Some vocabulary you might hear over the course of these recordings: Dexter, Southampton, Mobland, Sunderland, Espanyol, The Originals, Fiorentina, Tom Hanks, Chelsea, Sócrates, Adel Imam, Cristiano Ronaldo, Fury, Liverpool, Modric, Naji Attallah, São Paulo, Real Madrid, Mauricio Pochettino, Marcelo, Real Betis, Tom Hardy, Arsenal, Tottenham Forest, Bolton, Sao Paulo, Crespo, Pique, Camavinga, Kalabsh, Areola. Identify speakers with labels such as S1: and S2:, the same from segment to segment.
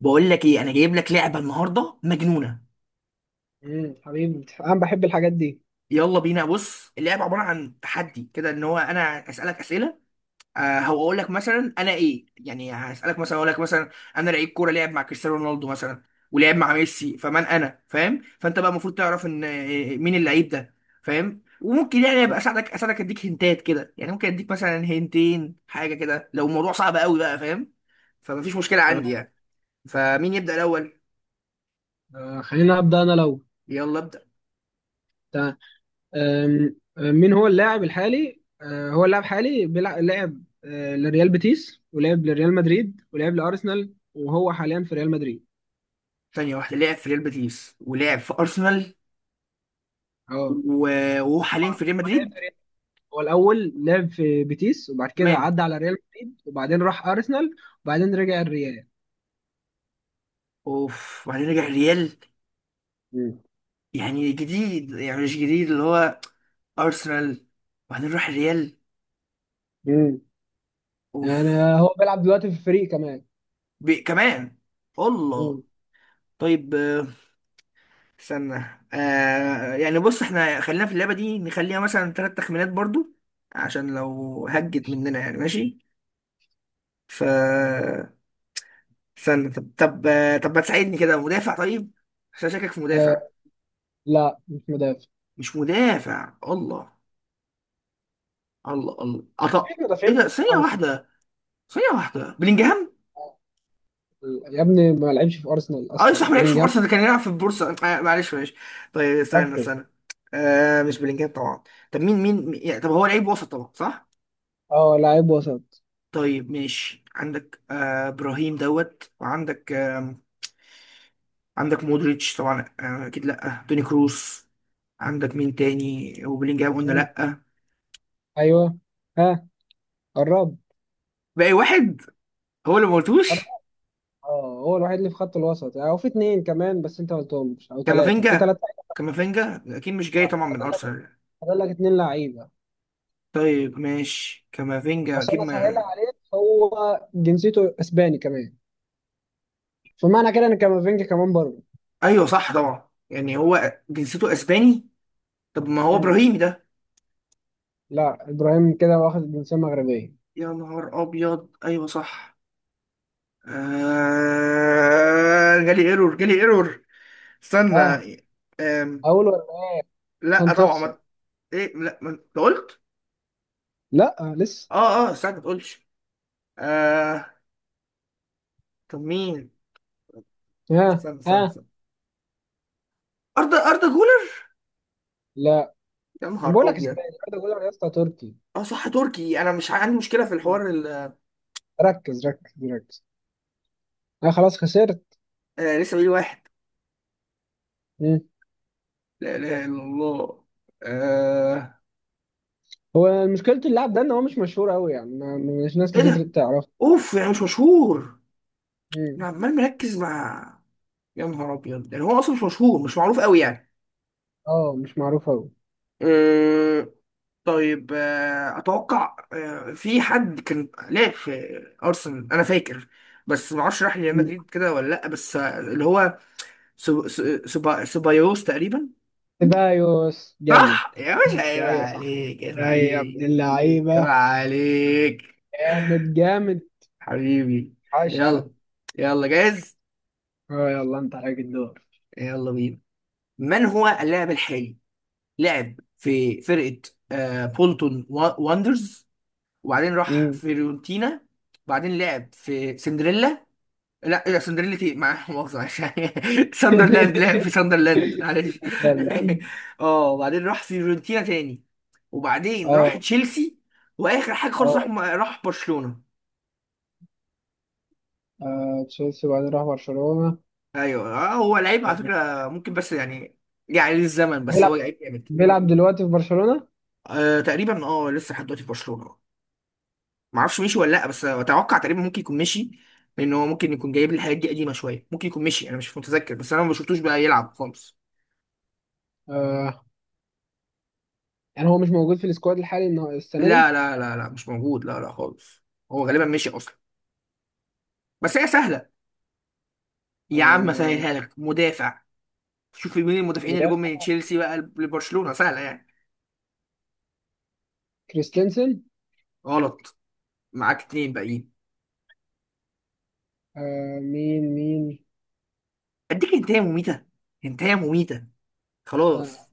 S1: بقول لك ايه، انا جايب لك لعبه النهارده مجنونه.
S2: حبيبي، انا بحب الحاجات دي.
S1: يلا بينا. بص اللعبه عباره عن تحدي كده، ان هو انا اسالك اسئله. آه هو اقول لك مثلا انا ايه، يعني هسالك مثلا، اقول لك مثلا انا لعيب كوره لعب مع كريستيانو رونالدو مثلا ولعب مع ميسي، فمن انا؟ فاهم؟ فانت بقى المفروض تعرف ان مين اللعيب ده، فاهم. وممكن يعني
S2: تمام.
S1: ابقى اساعدك، اديك هنتات كده، يعني ممكن اديك مثلا هنتين حاجه كده لو الموضوع صعب قوي بقى، فاهم. فمفيش مشكله عندي
S2: تمام.
S1: يعني. فمين يبدا الاول؟
S2: خلينا ابدا انا لو.
S1: يلا ابدا.
S2: تمام. آم، آه، مين هو اللاعب الحالي؟ هو اللاعب حالي لعب لريال بيتيس، ولعب لريال مدريد، ولعب لارسنال، وهو حاليا في ريال مدريد.
S1: ثانية واحدة، لعب في ريال بيتيس ولعب في أرسنال
S2: اه،
S1: و- وهو
S2: هو
S1: حاليا في ريال
S2: هو لعب
S1: مدريد.
S2: في ريال. هو الاول لعب في بيتيس، وبعد كده
S1: تمام.
S2: عدى على ريال مدريد، وبعدين راح ارسنال، وبعدين رجع الريال.
S1: اوف، وبعدين رجع الريال.
S2: مم.
S1: يعني جديد، يعني مش جديد اللي هو أرسنال وبعدين راح الريال.
S2: مم. يعني
S1: اوف.
S2: هو بيلعب دلوقتي في فريق كمان؟
S1: بي كمان. الله.
S2: مم.
S1: طيب استنى. آه يعني بص احنا خلينا في اللعبة دي، نخليها مثلا ثلاث تخمينات برضو، عشان لو هجت مننا يعني ماشي. ف استنى، طب طب ما تساعدني كده، مدافع طيب، عشان شاكك في مدافع.
S2: آه لا، مش مدافع.
S1: مش مدافع الله الله الله
S2: مفيش
S1: أط... ايه
S2: مدافعين في
S1: ده؟ ثانية
S2: ارسنال.
S1: واحدة، بلينجهام.
S2: يا ابني، ما لعبش في ارسنال
S1: اه
S2: اصلا
S1: صح، ما لعبش في
S2: بلينجهام.
S1: ارسنال، كان يلعب في البورصة. معلش معلش. طيب استنى
S2: ركز.
S1: استنى آه مش بلينجهام طبعا. طب يعني طب هو لعيب وسط طبعا، صح.
S2: اه، لاعب وسط.
S1: طيب ماشي، عندك آه ابراهيم دوت، وعندك آه، عندك مودريتش طبعا، آه اكيد لا توني كروس. عندك مين تاني؟ وبلينجهام قلنا
S2: مم.
S1: لا.
S2: ايوه. ها. قرب.
S1: باقي واحد هو اللي ما
S2: قرب.
S1: قلتوش.
S2: اه، هو الوحيد اللي في خط الوسط، يعني هو في اتنين كمان بس انت ما قلتهمش، او ثلاثه في
S1: كامافينجا.
S2: ثلاثه.
S1: كامافينجا اكيد مش جاي طبعا من
S2: فاضل لك
S1: ارسنال.
S2: فاضل لك اتنين لعيبه.
S1: طيب ماشي كامافينجا اكيد
S2: عشان
S1: ما...
S2: اسهلها عليك، هو جنسيته اسباني كمان، فمعنى كده ان كامافينجا كمان بره.
S1: ايوه صح طبعا، يعني هو جنسيته اسباني. طب ما هو
S2: مم.
S1: ابراهيمي ده.
S2: لا، ابراهيم كده واخد الجنسيه المغربيه.
S1: يا نهار ابيض، ايوه صح. جالي ايرور، استنى.
S2: ها،
S1: آم...
S2: اقول ولا لا؟
S1: لا
S2: عشان
S1: طبعا
S2: تخسر.
S1: ما... ايه لا ما... أنت قلت...
S2: لا، لسه.
S1: اه اه استنى ما تقولش. آه... طب مين؟
S2: ها
S1: استنى استنى
S2: ها.
S1: استنى اردا، اردا جولر.
S2: لا،
S1: يا
S2: انا بقول
S1: نهار
S2: لك
S1: ابيض.
S2: اسباني، انا بقول لك يا اسطى تركي.
S1: اه صح تركي، انا مش عندي مشكله في
S2: مم.
S1: الحوار
S2: ركز ركز ركز. انا خلاص خسرت.
S1: آه لسه بقول واحد.
S2: مم.
S1: لا اله الا الله. آه...
S2: هو مشكلة اللاعب ده ان هو مش مشهور قوي، يعني ما، مش ناس
S1: ايه
S2: كتير
S1: ده.
S2: تعرفه.
S1: اوف، يعني مش مشهور. انا
S2: مم.
S1: عمال مركز مع... يا نهار ابيض، يعني هو اصلا مش مشهور، مش معروف قوي يعني.
S2: اه، مش معروف قوي.
S1: آه... طيب اتوقع في حد كان لعب في ارسنال انا فاكر، بس ما اعرفش راح ريال
S2: مم.
S1: مدريد كده ولا لا، بس اللي هو سبايوس تقريبا.
S2: سيبايوس جامد.
S1: صح يا باشا، عيب
S2: ايوه صح.
S1: عليك، عيب
S2: يا أيوة يا ابن
S1: عليك، عيب
S2: اللعيبه.
S1: عليك
S2: جامد جامد.
S1: حبيبي.
S2: عاش على.
S1: يلا. يلا جاهز.
S2: اه، يلا انت عليك الدور.
S1: يلا بينا. من هو اللاعب الحالي؟ لعب في فرقة آه بولتون واندرز، وبعدين راح
S2: مم.
S1: فيورنتينا، وبعدين لعب في سندريلا. لا لا، سندريلا تي مع مؤاخذة، معلش ساندرلاند، لعب في ساندرلاند معلش
S2: فيرلاند.
S1: اه وبعدين راح فيورنتينا تاني، وبعدين راح
S2: اه
S1: تشيلسي، واخر حاجة خالص
S2: اه.
S1: راح برشلونة.
S2: تشيلسي وبعدين راح برشلونة.
S1: ايوه آه هو لعيب على فكره ممكن بس يعني، يعني للزمن، بس
S2: بيلعب
S1: هو لعيب جامد.
S2: بيلعب دلوقتي في برشلونة.
S1: آه تقريبا اه، لسه لحد دلوقتي في برشلونه، ما اعرفش مشي ولا لا، بس اتوقع تقريبا ممكن يكون مشي، لان هو ممكن يكون جايب لي الحاجات دي قديمه شويه، ممكن يكون مشي انا مش متذكر، بس انا ما شفتوش بقى يلعب خالص.
S2: آه. يعني هو مش موجود في السكواد الحالي إن هو السنة
S1: لا
S2: دي.
S1: لا لا لا مش موجود، لا لا خالص. هو غالبا مشي اصلا. بس هي سهله، يا عم
S2: آه
S1: سهلها لك مدافع. شوف مين المدافعين اللي جم من
S2: مدافع
S1: تشيلسي بقى لبرشلونه، سهله يعني.
S2: كريستنسن.
S1: غلط. معاك اتنين باقيين.
S2: مين مين.
S1: اديك انتهى مميته، انتهى مميته
S2: استنى
S1: خلاص.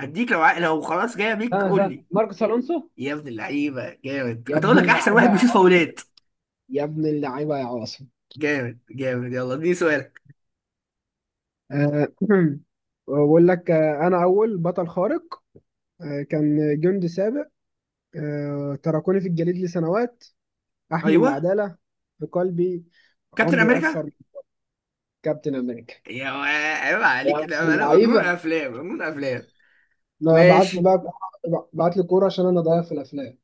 S1: هديك لو لو خلاص جايه بيك
S2: استنى
S1: قول
S2: استنى.
S1: لي.
S2: ماركوس الونسو.
S1: يا ابن اللعيبه جامد،
S2: يا
S1: كنت اقول
S2: ابن
S1: لك احسن
S2: اللعيبه
S1: واحد
S2: يا
S1: بيشوط
S2: عاصم.
S1: فاولات.
S2: يا ابن اللعيبه يا عاصم.
S1: جامد جامد، يلا اديني سؤالك.
S2: آه بقول لك، انا اول بطل خارق. كان جندي سابق. تركوني في الجليد لسنوات. احمل
S1: ايوه.
S2: العداله في قلبي.
S1: كابتن
S2: عمري اكثر
S1: امريكا.
S2: من. كابتن امريكا.
S1: يا وا- عيب
S2: يا
S1: عليك،
S2: ابن
S1: ده انا مجنون
S2: اللعيبه.
S1: افلام، مجنون افلام.
S2: لا، ابعت لي
S1: ماشي.
S2: بقى. ابعت لي كوره عشان انا ضايع في الافلام.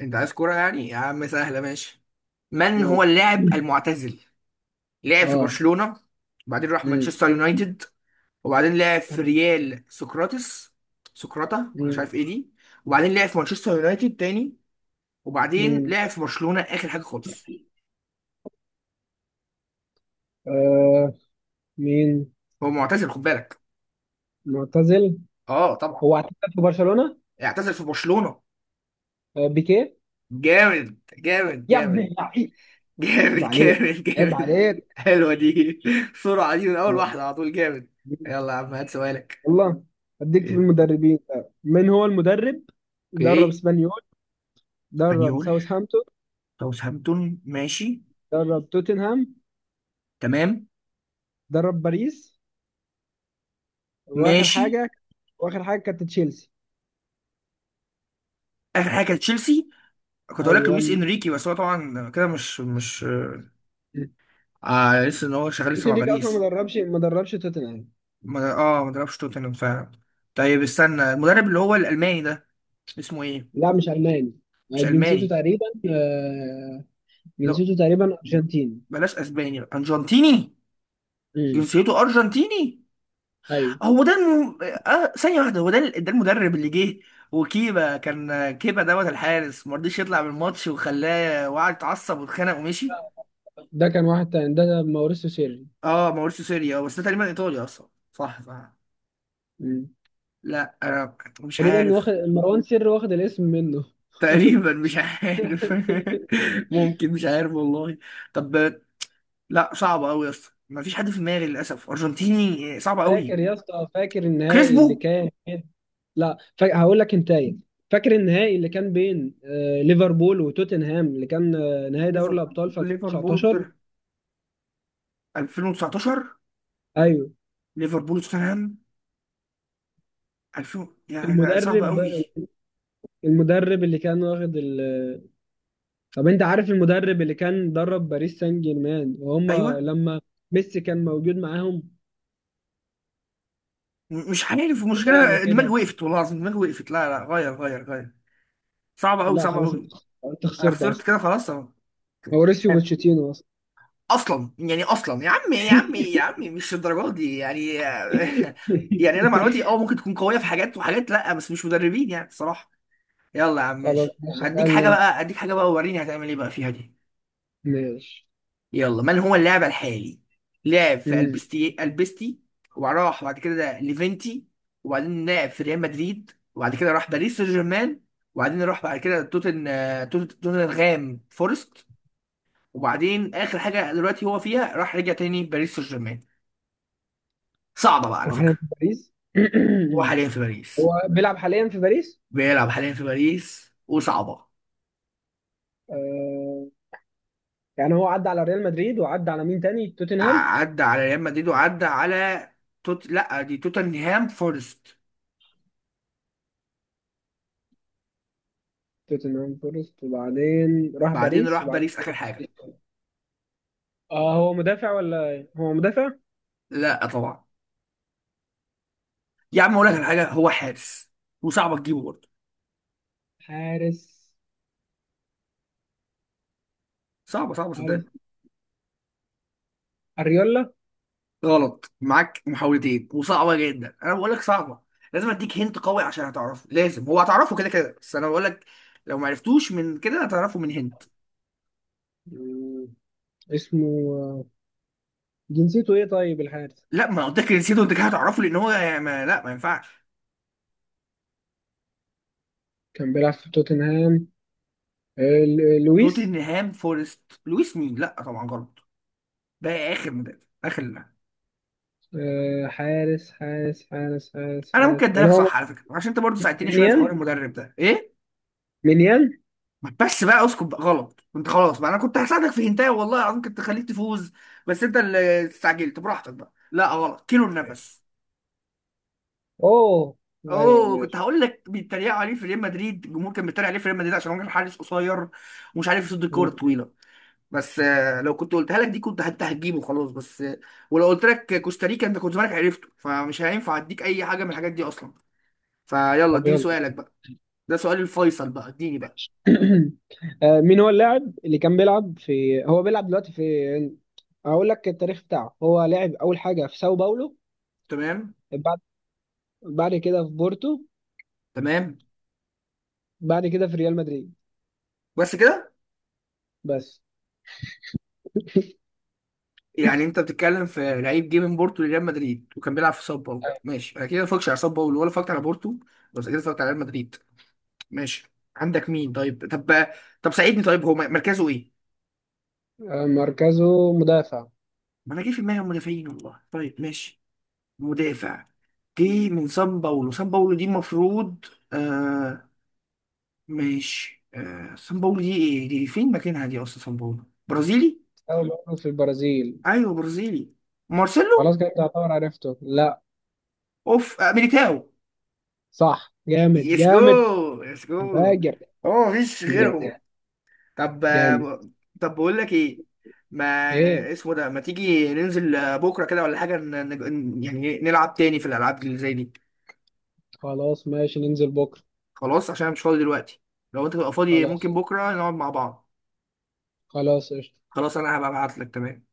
S1: انت عايز كوره يعني، يا عم سهله ماشي. من هو
S2: يلا.
S1: اللاعب المعتزل؟ لعب في
S2: اه.
S1: برشلونه، وبعدين راح
S2: مم.
S1: مانشستر يونايتد، وبعدين لعب في
S2: طب.
S1: ريال سقراطس، سقراطه انا مش
S2: مم.
S1: عارف ايه دي، وبعدين لعب في مانشستر يونايتد تاني، وبعدين
S2: مم.
S1: لعب في برشلونة آخر حاجة خالص.
S2: آه مين
S1: هو معتزل خد بالك.
S2: معتزل.
S1: اه طبعا.
S2: هو اعتزل في برشلونة.
S1: اعتزل في برشلونة.
S2: بيكيه.
S1: جامد جامد
S2: يا ابن
S1: جامد
S2: اللعيب. عيب
S1: جامد
S2: عليك.
S1: جامد
S2: عيب
S1: جامد.
S2: عليك.
S1: حلوة دي، بسرعة دي من أول
S2: يا رب.
S1: واحدة على طول، جامد. يلا يا عم هات سؤالك.
S2: والله. اديك في المدربين بقى. من هو المدرب؟ درب
S1: اوكي.
S2: اسبانيول، درب
S1: اسبانيول.
S2: ساوثهامبتون،
S1: ساوثهامبتون ماشي.
S2: درب توتنهام،
S1: تمام.
S2: درب باريس، واخر
S1: ماشي.
S2: حاجة واخر حاجة كانت تشيلسي.
S1: آخر حاجة كانت تشيلسي. كنت هقول لك
S2: ايوه،
S1: لويس انريكي، بس هو طبعا كده مش مش... آه لسه ان هو شغال لسه
S2: ممكن
S1: مع
S2: ديك اصلا
S1: باريس.
S2: ما دربش توتنهام.
S1: اه ما دربش توتنهام فعلا. طيب استنى، المدرب اللي هو الألماني ده اسمه ايه؟
S2: لا، مش الماني. آه،
S1: مش
S2: جنسيته
S1: ألماني؟
S2: تقريبا آه،
S1: لا،
S2: جنسيته تقريبا ارجنتيني.
S1: بلاش اسباني بقى. ارجنتيني؟
S2: امم
S1: جنسيته ارجنتيني.
S2: ايوه.
S1: هو ده آه ثانيه واحده، هو ده ده المدرب اللي جه وكيبا، كان كيبا دوت الحارس ما رضيش يطلع من الماتش وخلاه وقعد اتعصب واتخانق ومشي.
S2: ده كان واحد تاني، ده موريسيو سيري.
S1: اه ماوريسيو سيريا، بس ده تقريبا ايطالي اصلا، صح صح.
S2: مم.
S1: لا انا مش
S2: تقريبا واخد
S1: عارف.
S2: مروان سري، واخد الاسم منه.
S1: تقريبا مش عارف. ممكن، مش عارف والله. طب... لا صعبه قوي يا اسطى، ما فيش حد في دماغي للاسف ارجنتيني، صعبه
S2: فاكر
S1: قوي.
S2: يا اسطى، فاكر النهائي اللي
S1: كريسبو.
S2: كان بين- لا، هقول لك انتهي. فاكر النهائي اللي كان بين ليفربول وتوتنهام، اللي كان نهائي دوري
S1: ليفربول،
S2: الابطال في 2019؟
S1: 2019،
S2: ايوه.
S1: ليفربول وتوتنهام، 2000 يعني صعبة
S2: المدرب
S1: قوي.
S2: المدرب اللي كان واخد. طب انت عارف المدرب اللي كان درب باريس سان جيرمان وهم
S1: ايوه.
S2: لما ميسي كان موجود معاهم؟
S1: مش عارف،
S2: بدأنا
S1: المشكله دماغي
S2: كده.
S1: وقفت، والله العظيم دماغي وقفت. لا لا، غير غير غير. صعبة قوي،
S2: لا
S1: صعبة
S2: خلاص،
S1: قوي.
S2: انت
S1: انا
S2: خسرت
S1: خسرت
S2: اصلا.
S1: كده خلاص اهو.
S2: موريسيو بوتشيتينو.
S1: اصلا يعني، اصلا يا عم، يا عم يا عم مش الدرجات دي يعني. يعني انا معلوماتي اه ممكن تكون قويه في حاجات وحاجات، لا بس مش مدربين يعني الصراحه. يلا يا عم
S2: خلاص
S1: ماشي،
S2: ماشي،
S1: هديك
S2: اسألني
S1: حاجه
S2: انت.
S1: بقى، ووريني هتعمل ايه بقى فيها دي.
S2: ماشي.
S1: يلا من هو اللاعب الحالي؟ لعب في
S2: مم.
S1: البستي، وراح بعد كده ليفنتي، وبعدين لعب في ريال مدريد، وبعد كده راح باريس سان جيرمان، وبعدين راح بعد كده توتنغهام فورست، وبعدين اخر حاجه دلوقتي هو فيها، راح رجع تاني باريس سان جيرمان. صعبه بقى على
S2: وحاليا
S1: فكره.
S2: في باريس.
S1: هو حاليا في
S2: هو
S1: باريس.
S2: بيلعب حاليا في باريس.
S1: بيلعب حاليا في باريس، وصعبه.
S2: آه يعني هو عدى على ريال مدريد، وعدى على مين تاني؟ توتنهام.
S1: ع- عدى على ريال مدريد، وعدى على توت، لا دي توتنهام فورست،
S2: توتنهام فورست، وبعدين راح
S1: بعدين
S2: باريس،
S1: راح
S2: وبعدين
S1: باريس اخر حاجه.
S2: اه هو مدافع ولا إيه؟ هو مدافع.
S1: لا طبعا. يا عم اقول لك على حاجه، هو حارس، وصعبه تجيبه برضه.
S2: حارس.
S1: صعبه صعبه
S2: حارس
S1: صدقني.
S2: اريولا.
S1: غلط. معاك محاولتين، وصعبه جدا، انا بقول لك صعبه. لازم اديك هنت قوي عشان هتعرفه، لازم، هو هتعرفه كده كده، بس انا بقول لك لو ما عرفتوش من كده هتعرفه من هنت.
S2: مم. اسمه آه، جنسيته ايه طيب الحارس؟
S1: لا ما قلت لك نسيته انت كده هتعرفه، لان هو يعني ما... لا ما ينفعش.
S2: كان بيلعب في توتنهام. لويس.
S1: توتنهام فورست، لويس مين؟ لا طبعا غلط. ده اخر مدرب. اخر، لا.
S2: حارس حارس حارس حارس
S1: انا
S2: حارس،
S1: ممكن
S2: يعني
S1: اديلك
S2: هو
S1: صح على فكره، عشان انت برضه ساعدتني شويه في حوار
S2: مليان.
S1: المدرب ده ايه،
S2: مليان.
S1: بس بقى اسكت بقى، غلط انت خلاص بقى، انا كنت هساعدك في هنتايه والله العظيم، كنت خليك تفوز، بس انت اللي استعجلت براحتك بقى. لا غلط، كيلو النفس.
S2: اوه. ايوه
S1: اوه، كنت
S2: ماشي.
S1: هقول لك بيتريقوا عليه في ريال مدريد، الجمهور كان بيتريق عليه في ريال مدريد عشان هو كان حارس قصير، ومش عارف يصد الكوره
S2: مم.
S1: الطويله، بس لو كنت قلتها لك دي كنت انت هتجيبه خلاص، بس ولو قلت لك كوستاريكا انت كنت زمانك عرفته، فمش هينفع اديك اي حاجه من الحاجات دي اصلا. فيلا
S2: طب
S1: اديني
S2: يلا.
S1: سؤالك بقى، ده سؤال الفيصل بقى، اديني بقى.
S2: مين هو اللاعب اللي كان بيلعب في هو بيلعب دلوقتي في؟ اقول لك التاريخ بتاعه. هو لعب اول حاجه في ساو باولو،
S1: تمام.
S2: بعد بعد كده في بورتو،
S1: تمام.
S2: بعد كده في ريال مدريد.
S1: بس كده؟
S2: بس.
S1: يعني انت بتتكلم في لعيب جه من بورتو لريال مدريد وكان بيلعب في ساو باولو، ماشي انا كده ما اتفرجتش على ساو باولو ولا اتفرجت على بورتو، بس كده اتفرجت على ريال مدريد. ماشي. عندك مين طيب؟ طب طب ساعدني، طيب هو مركزه ايه؟
S2: مركزه مدافع.
S1: ما انا جه في دماغي المدافعين والله. طيب ماشي، مدافع جه من ساو باولو. ساو باولو دي المفروض آه، ماشي، آه ساو باولو دي ايه دي، فين مكانها دي اصلا؟ ساو باولو برازيلي.
S2: ساو باولو في البرازيل.
S1: ايوه برازيلي.
S2: خلاص
S1: مارسيلو.
S2: كده تعتبر عرفته؟ لا.
S1: اوف، آه ميليتاو.
S2: صح. جامد جامد.
S1: يسجو، يسجو.
S2: فاجر.
S1: هو مفيش
S2: جامد
S1: غيرهم. طب.
S2: جامد.
S1: طب بقول لك ايه، ما
S2: ايه
S1: اسمه ده، ما تيجي ننزل بكره كده ولا حاجه، يعني إيه، نلعب تاني في الالعاب اللي زي دي.
S2: خلاص ماشي، ننزل بكره.
S1: خلاص عشان انا مش فاضي دلوقتي، لو انت تبقى فاضي
S2: خلاص.
S1: ممكن بكره نقعد مع بعض.
S2: خلاص قشطة.
S1: خلاص انا هبقى ابعت لك. تمام.